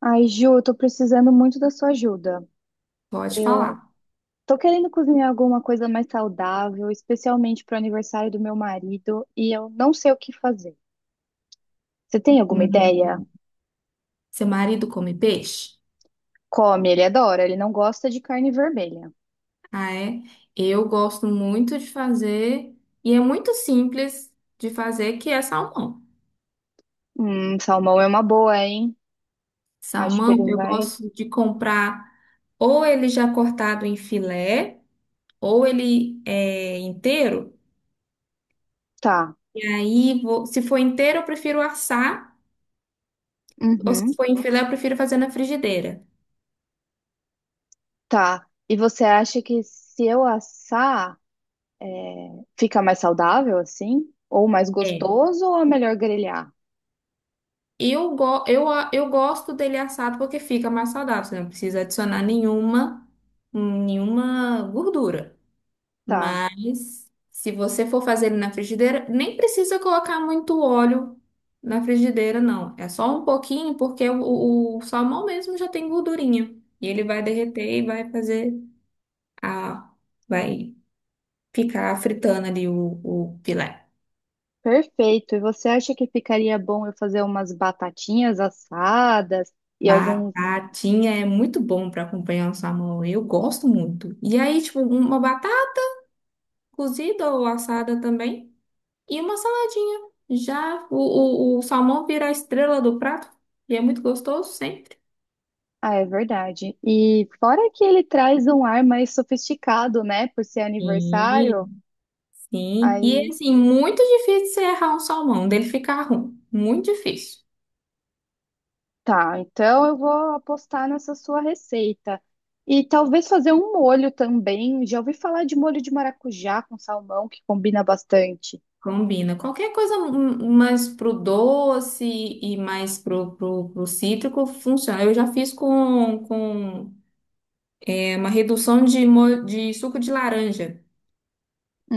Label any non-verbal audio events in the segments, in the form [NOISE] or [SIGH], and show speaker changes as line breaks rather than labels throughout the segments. Ai, Ju, eu tô precisando muito da sua ajuda.
Pode
Eu
falar.
tô querendo cozinhar alguma coisa mais saudável, especialmente pro aniversário do meu marido, e eu não sei o que fazer. Você tem alguma
Hum,
ideia?
Seu marido come peixe?
Come, ele adora, ele não gosta de carne vermelha.
Ah, é? Eu gosto muito de fazer, e é muito simples de fazer, que é salmão.
Salmão é uma boa, hein? Acho que
Salmão,
ele
eu
vai.
gosto de comprar ou ele já cortado em filé, ou ele é inteiro.
Tá.
E aí, se for inteiro, eu prefiro assar, ou se
Uhum,
for em filé, eu prefiro fazer na frigideira.
tá. E você acha que se eu assar, fica mais saudável assim? Ou mais
É.
gostoso, ou é melhor grelhar?
Eu, go eu, a- eu gosto dele assado porque fica mais saudável, você não precisa adicionar nenhuma gordura.
Tá.
Mas se você for fazer ele na frigideira, nem precisa colocar muito óleo na frigideira, não. É só um pouquinho, porque o salmão mesmo já tem gordurinha. E ele vai derreter e vai fazer a. Vai ficar fritando ali o filé.
Perfeito. E você acha que ficaria bom eu fazer umas batatinhas assadas e alguns.
Batatinha é muito bom para acompanhar o salmão. Eu gosto muito. E aí, tipo, uma batata cozida ou assada também e uma saladinha. Já o salmão vira a estrela do prato e é muito gostoso sempre.
Ah, é verdade. E fora que ele traz um ar mais sofisticado, né? Por ser aniversário.
Sim, sim. E
Aí
assim, muito difícil você errar um salmão, dele ficar ruim. Muito difícil.
tá. Então eu vou apostar nessa sua receita. E talvez fazer um molho também. Já ouvi falar de molho de maracujá com salmão, que combina bastante.
Combina. Qualquer coisa mais pro doce e mais pro cítrico funciona. Eu já fiz com. É uma redução de suco de laranja.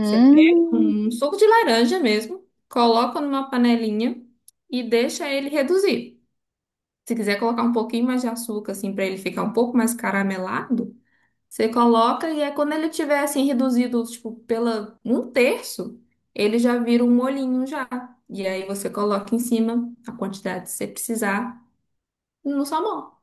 Você pega um suco de laranja mesmo, coloca numa panelinha e deixa ele reduzir. Se quiser colocar um pouquinho mais de açúcar, assim, para ele ficar um pouco mais caramelado, você coloca e é quando ele tiver, assim, reduzido, tipo, pela um terço, ele já vira um molhinho já. E aí você coloca em cima a quantidade que você precisar no salmão.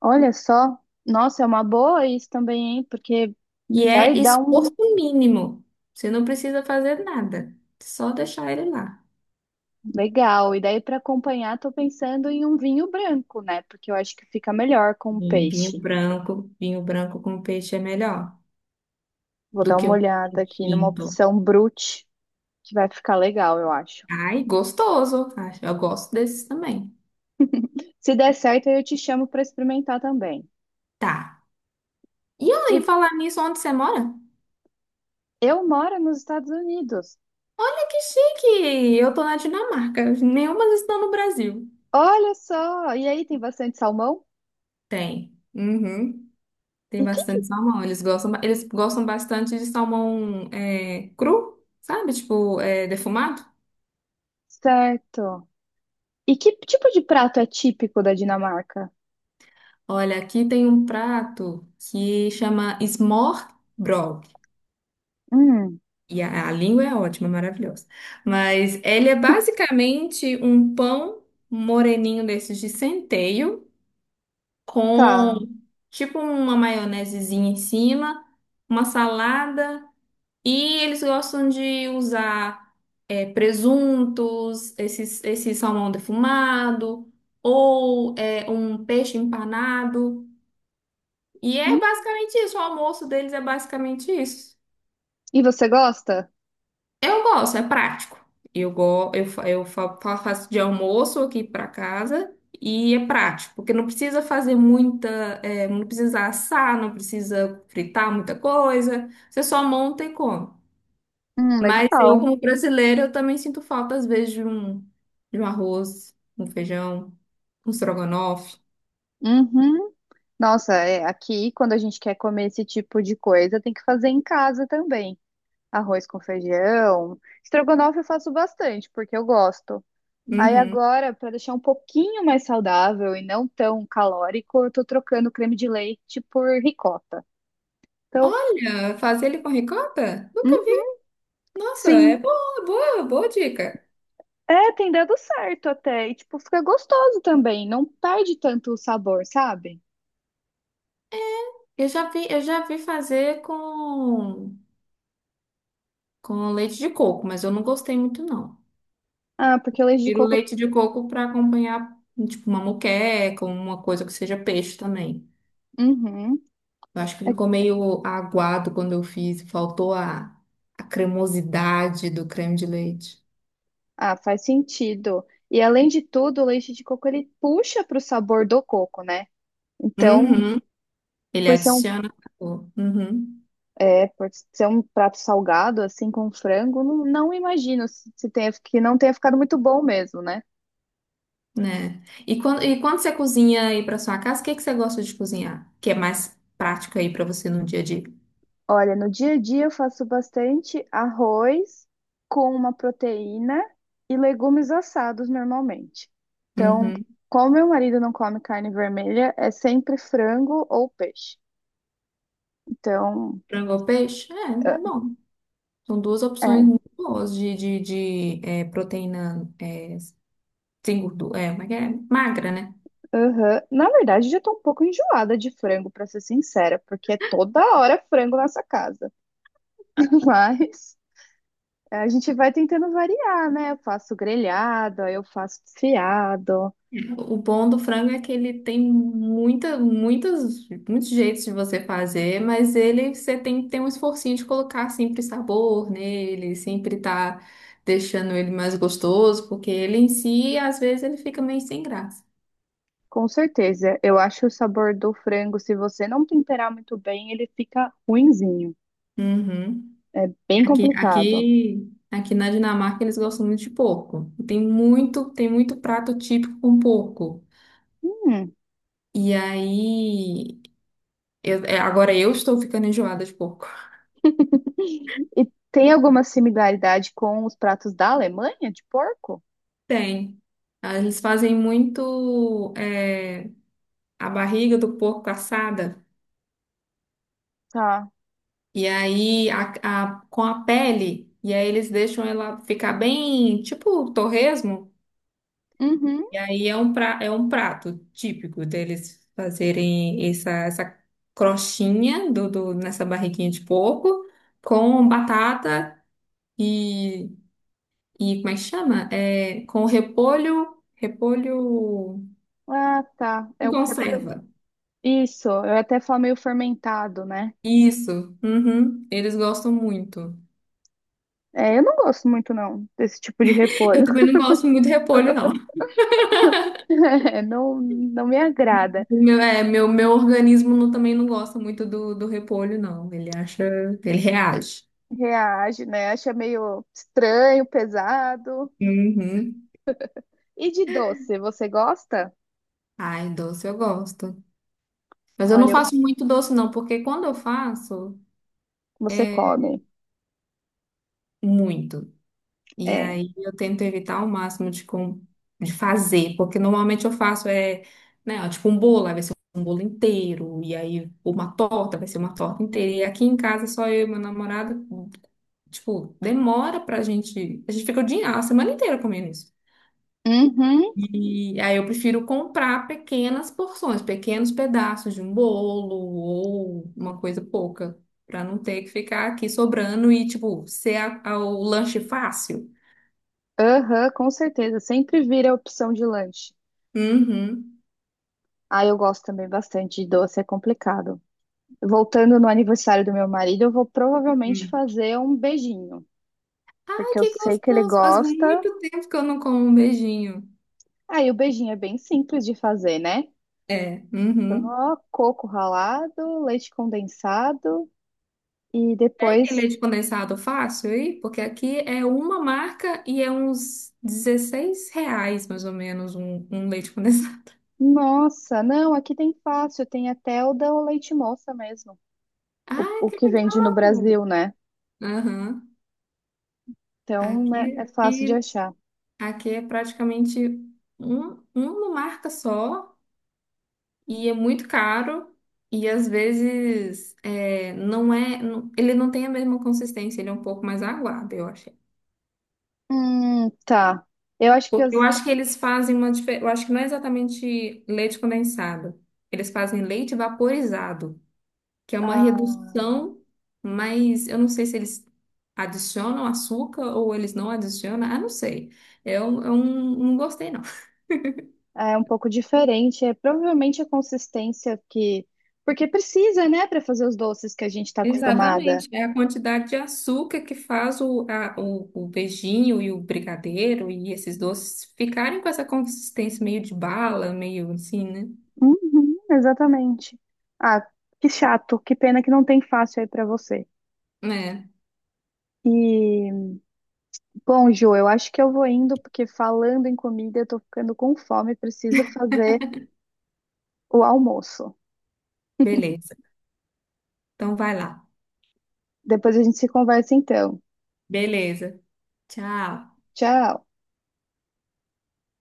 olha só. Nossa, é uma boa isso também, hein? Porque.
E
Vai
é
dar
esforço
um-
mínimo. Você não precisa fazer nada. Só deixar ele lá.
Legal. E daí para acompanhar, tô pensando em um vinho branco, né? Porque eu acho que fica melhor com o
E
peixe.
vinho branco com peixe é melhor
Vou
do
dar
que
uma
um
olhada
vinho
aqui numa
tinto.
opção brute, que vai ficar legal, eu acho.
Ai, gostoso. Acho- Eu gosto desses também.
Se der certo, eu te chamo para experimentar também.
Tá. E aí,
E
falar nisso, onde você mora?
eu moro nos Estados Unidos.
Olha que chique! Eu tô na Dinamarca. Nenhuma estão no Brasil.
Olha só! E aí tem bastante salmão?
Tem. Uhum. Tem
E que
bastante salmão. Eles gostam, eles gostam bastante de salmão é, cru, sabe? Tipo, é, defumado.
certo! E que tipo de prato é típico da Dinamarca?
Olha, aqui tem um prato que chama smørrebrød.
Hum,
E a língua é ótima, maravilhosa. Mas ele é basicamente um pão moreninho desses de centeio, com
tá.
tipo uma maionesezinha em cima, uma salada. E eles gostam de usar presuntos, esse salmão defumado, ou um peixe empanado. E é
Hum.
basicamente isso, o almoço deles é basicamente isso.
E você gosta?
Eu gosto, é prático. Eu, go eu fa- fa- faço de almoço aqui para casa e é prático, porque não precisa fazer muita, é, não precisa assar, não precisa fritar muita coisa, você só monta e come. Mas eu,
Legal.
como brasileira, eu também sinto falta, às vezes, de um arroz, um feijão, um estrogonofe.
Uhum. Nossa, é, aqui quando a gente quer comer esse tipo de coisa, tem que fazer em casa também. Arroz com feijão. Estrogonofe eu faço bastante, porque eu gosto. Aí
Uhum.
agora, para deixar um pouquinho mais saudável e não tão calórico, eu tô trocando creme de leite por ricota. Então,
Olha, fazer ele com ricota? Nunca.
uhum,
Nossa, é
sim.
boa, boa, boa dica.
É, tem dado certo até. E, tipo, fica gostoso também. Não perde tanto o sabor, sabe?
Eu já vi fazer com leite de coco, mas eu não gostei muito, não.
Ah, porque o leite de
Tiro
coco.
leite de coco para acompanhar, tipo, uma moqueca, uma coisa que seja peixe também.
Uhum.
Eu acho que ficou meio aguado quando eu fiz, faltou a cremosidade do creme de leite.
Ah, faz sentido. E além de tudo, o leite de coco ele puxa para o sabor do coco, né? Então,
Uhum. Ele
por ser um,
adiciona sabor. Uhum.
é, por ser um prato salgado, assim, com frango, não, não imagino se, que não tenha ficado muito bom mesmo, né?
Né? E quando você cozinha aí para sua casa, o que que você gosta de cozinhar? Que é mais prático aí para você no dia a dia?
Olha, no dia a dia eu faço bastante arroz com uma proteína e legumes assados normalmente. Então,
Uhum.
como meu marido não come carne vermelha, é sempre frango ou peixe. Então,
Frango ou peixe? É, é bom. São duas opções
é,
muito boas de é, proteína é, sem gordura. É, como é que é? Magra, né?
Aham. Na verdade, já tô um pouco enjoada de frango, pra ser sincera, porque é toda hora frango nessa casa. [LAUGHS] Mas a gente vai tentando variar, né? Eu faço grelhado, aí eu faço desfiado.
O bom do frango é que ele tem muita, muitas, muitos jeitos de você fazer, mas ele você tem que ter um esforcinho de colocar sempre sabor nele, sempre tá deixando ele mais gostoso, porque ele em si, às vezes, ele fica meio sem graça.
Com certeza, eu acho o sabor do frango, se você não temperar muito bem, ele fica ruinzinho.
Uhum.
Bem
Aqui,
complicado.
aqui, aqui na Dinamarca eles gostam muito de porco. Tem muito prato típico com porco.
Hum.
E aí, é, agora eu estou ficando enjoada de porco. [LAUGHS]
E tem alguma similaridade com os pratos da Alemanha de porco?
Tem. Ah, eles fazem muito é, a barriga do porco assada.
Tá.
E aí, com a pele. E aí eles deixam ela ficar bem, tipo torresmo.
Uhum.
E aí é um prato típico deles fazerem essa crostinha nessa barriguinha de porco com batata e, e como é que chama? É, com repolho, repolho
Ah, tá.
e
Eu preparo.
conserva.
Isso, eu até falo meio fermentado, né?
Isso, uhum, eles gostam muito.
É, eu não gosto muito, não, desse tipo de
Eu
repolho.
também não
[LAUGHS]
gosto muito de repolho, não.
É, não, não me agrada.
O meu organismo não- também não gosta muito do repolho, não. Ele acha, ele reage.
Reage, né? Acha meio estranho, pesado.
Uhum.
E de doce, você gosta?
Ai, doce eu gosto. Mas eu não
Olha,
faço muito doce, não, porque quando eu faço,
você
é
come.
muito. E
É.
aí eu tento evitar ao máximo de fazer, porque normalmente eu faço né, ó, tipo um bolo, aí vai ser um bolo inteiro, e aí uma torta, vai ser uma torta inteira. E aqui em casa só eu e meu namorado, tipo, demora pra gente. A gente fica o dia, a semana inteira comendo isso.
Uhum,
E aí eu prefiro comprar pequenas porções, pequenos pedaços de um bolo ou uma coisa pouca, para não ter que ficar aqui sobrando e, tipo, ser o lanche fácil.
aham, com certeza. Sempre vira a opção de lanche.
Uhum.
Ah, eu gosto também bastante de doce, é complicado. Voltando no aniversário do meu marido, eu vou provavelmente
Hum.
fazer um beijinho,
Ai,
porque eu
que
sei que ele
gostoso! Faz
gosta.
muito tempo que eu não como um beijinho.
Ah, e o beijinho é bem simples de fazer, né?
É, uhum.
Só coco ralado, leite condensado e
Tem
depois.
leite condensado fácil aí? Porque aqui é uma marca e é uns R$ 16, mais ou menos, um leite condensado. [LAUGHS]
Nossa, não, aqui tem fácil, tem até o da leite moça mesmo, o,
Ai,
o
que
que vende no
legal!
Brasil, né?
Aham.
Então, né,
Aqui,
é fácil de
aqui,
achar.
aqui é praticamente uma marca só e é muito caro e às vezes é, não é, ele não tem a mesma consistência, ele é um pouco mais aguado, eu achei.
Tá. Eu acho que
Porque eu
as-
acho que eles fazem uma diferença, eu acho que não é exatamente leite condensado, eles fazem leite vaporizado, que é uma
a-
redução, mas eu não sei se eles adicionam açúcar ou eles não adicionam, ah, não sei. Eu não gostei, não.
é um pouco diferente. É provavelmente a consistência que. Porque precisa, né, para fazer os doces que a gente está acostumada.
Exatamente, é a quantidade de açúcar que faz o beijinho e o brigadeiro e esses doces ficarem com essa consistência meio de bala, meio assim, né?
Uhum, exatamente. Ah, que chato, que pena que não tem fácil aí pra você.
É,
E, bom, Ju, eu acho que eu vou indo, porque falando em comida, eu tô ficando com fome, preciso fazer o almoço.
beleza. Então vai lá.
Depois a gente se conversa então.
Beleza. Tchau.
Tchau.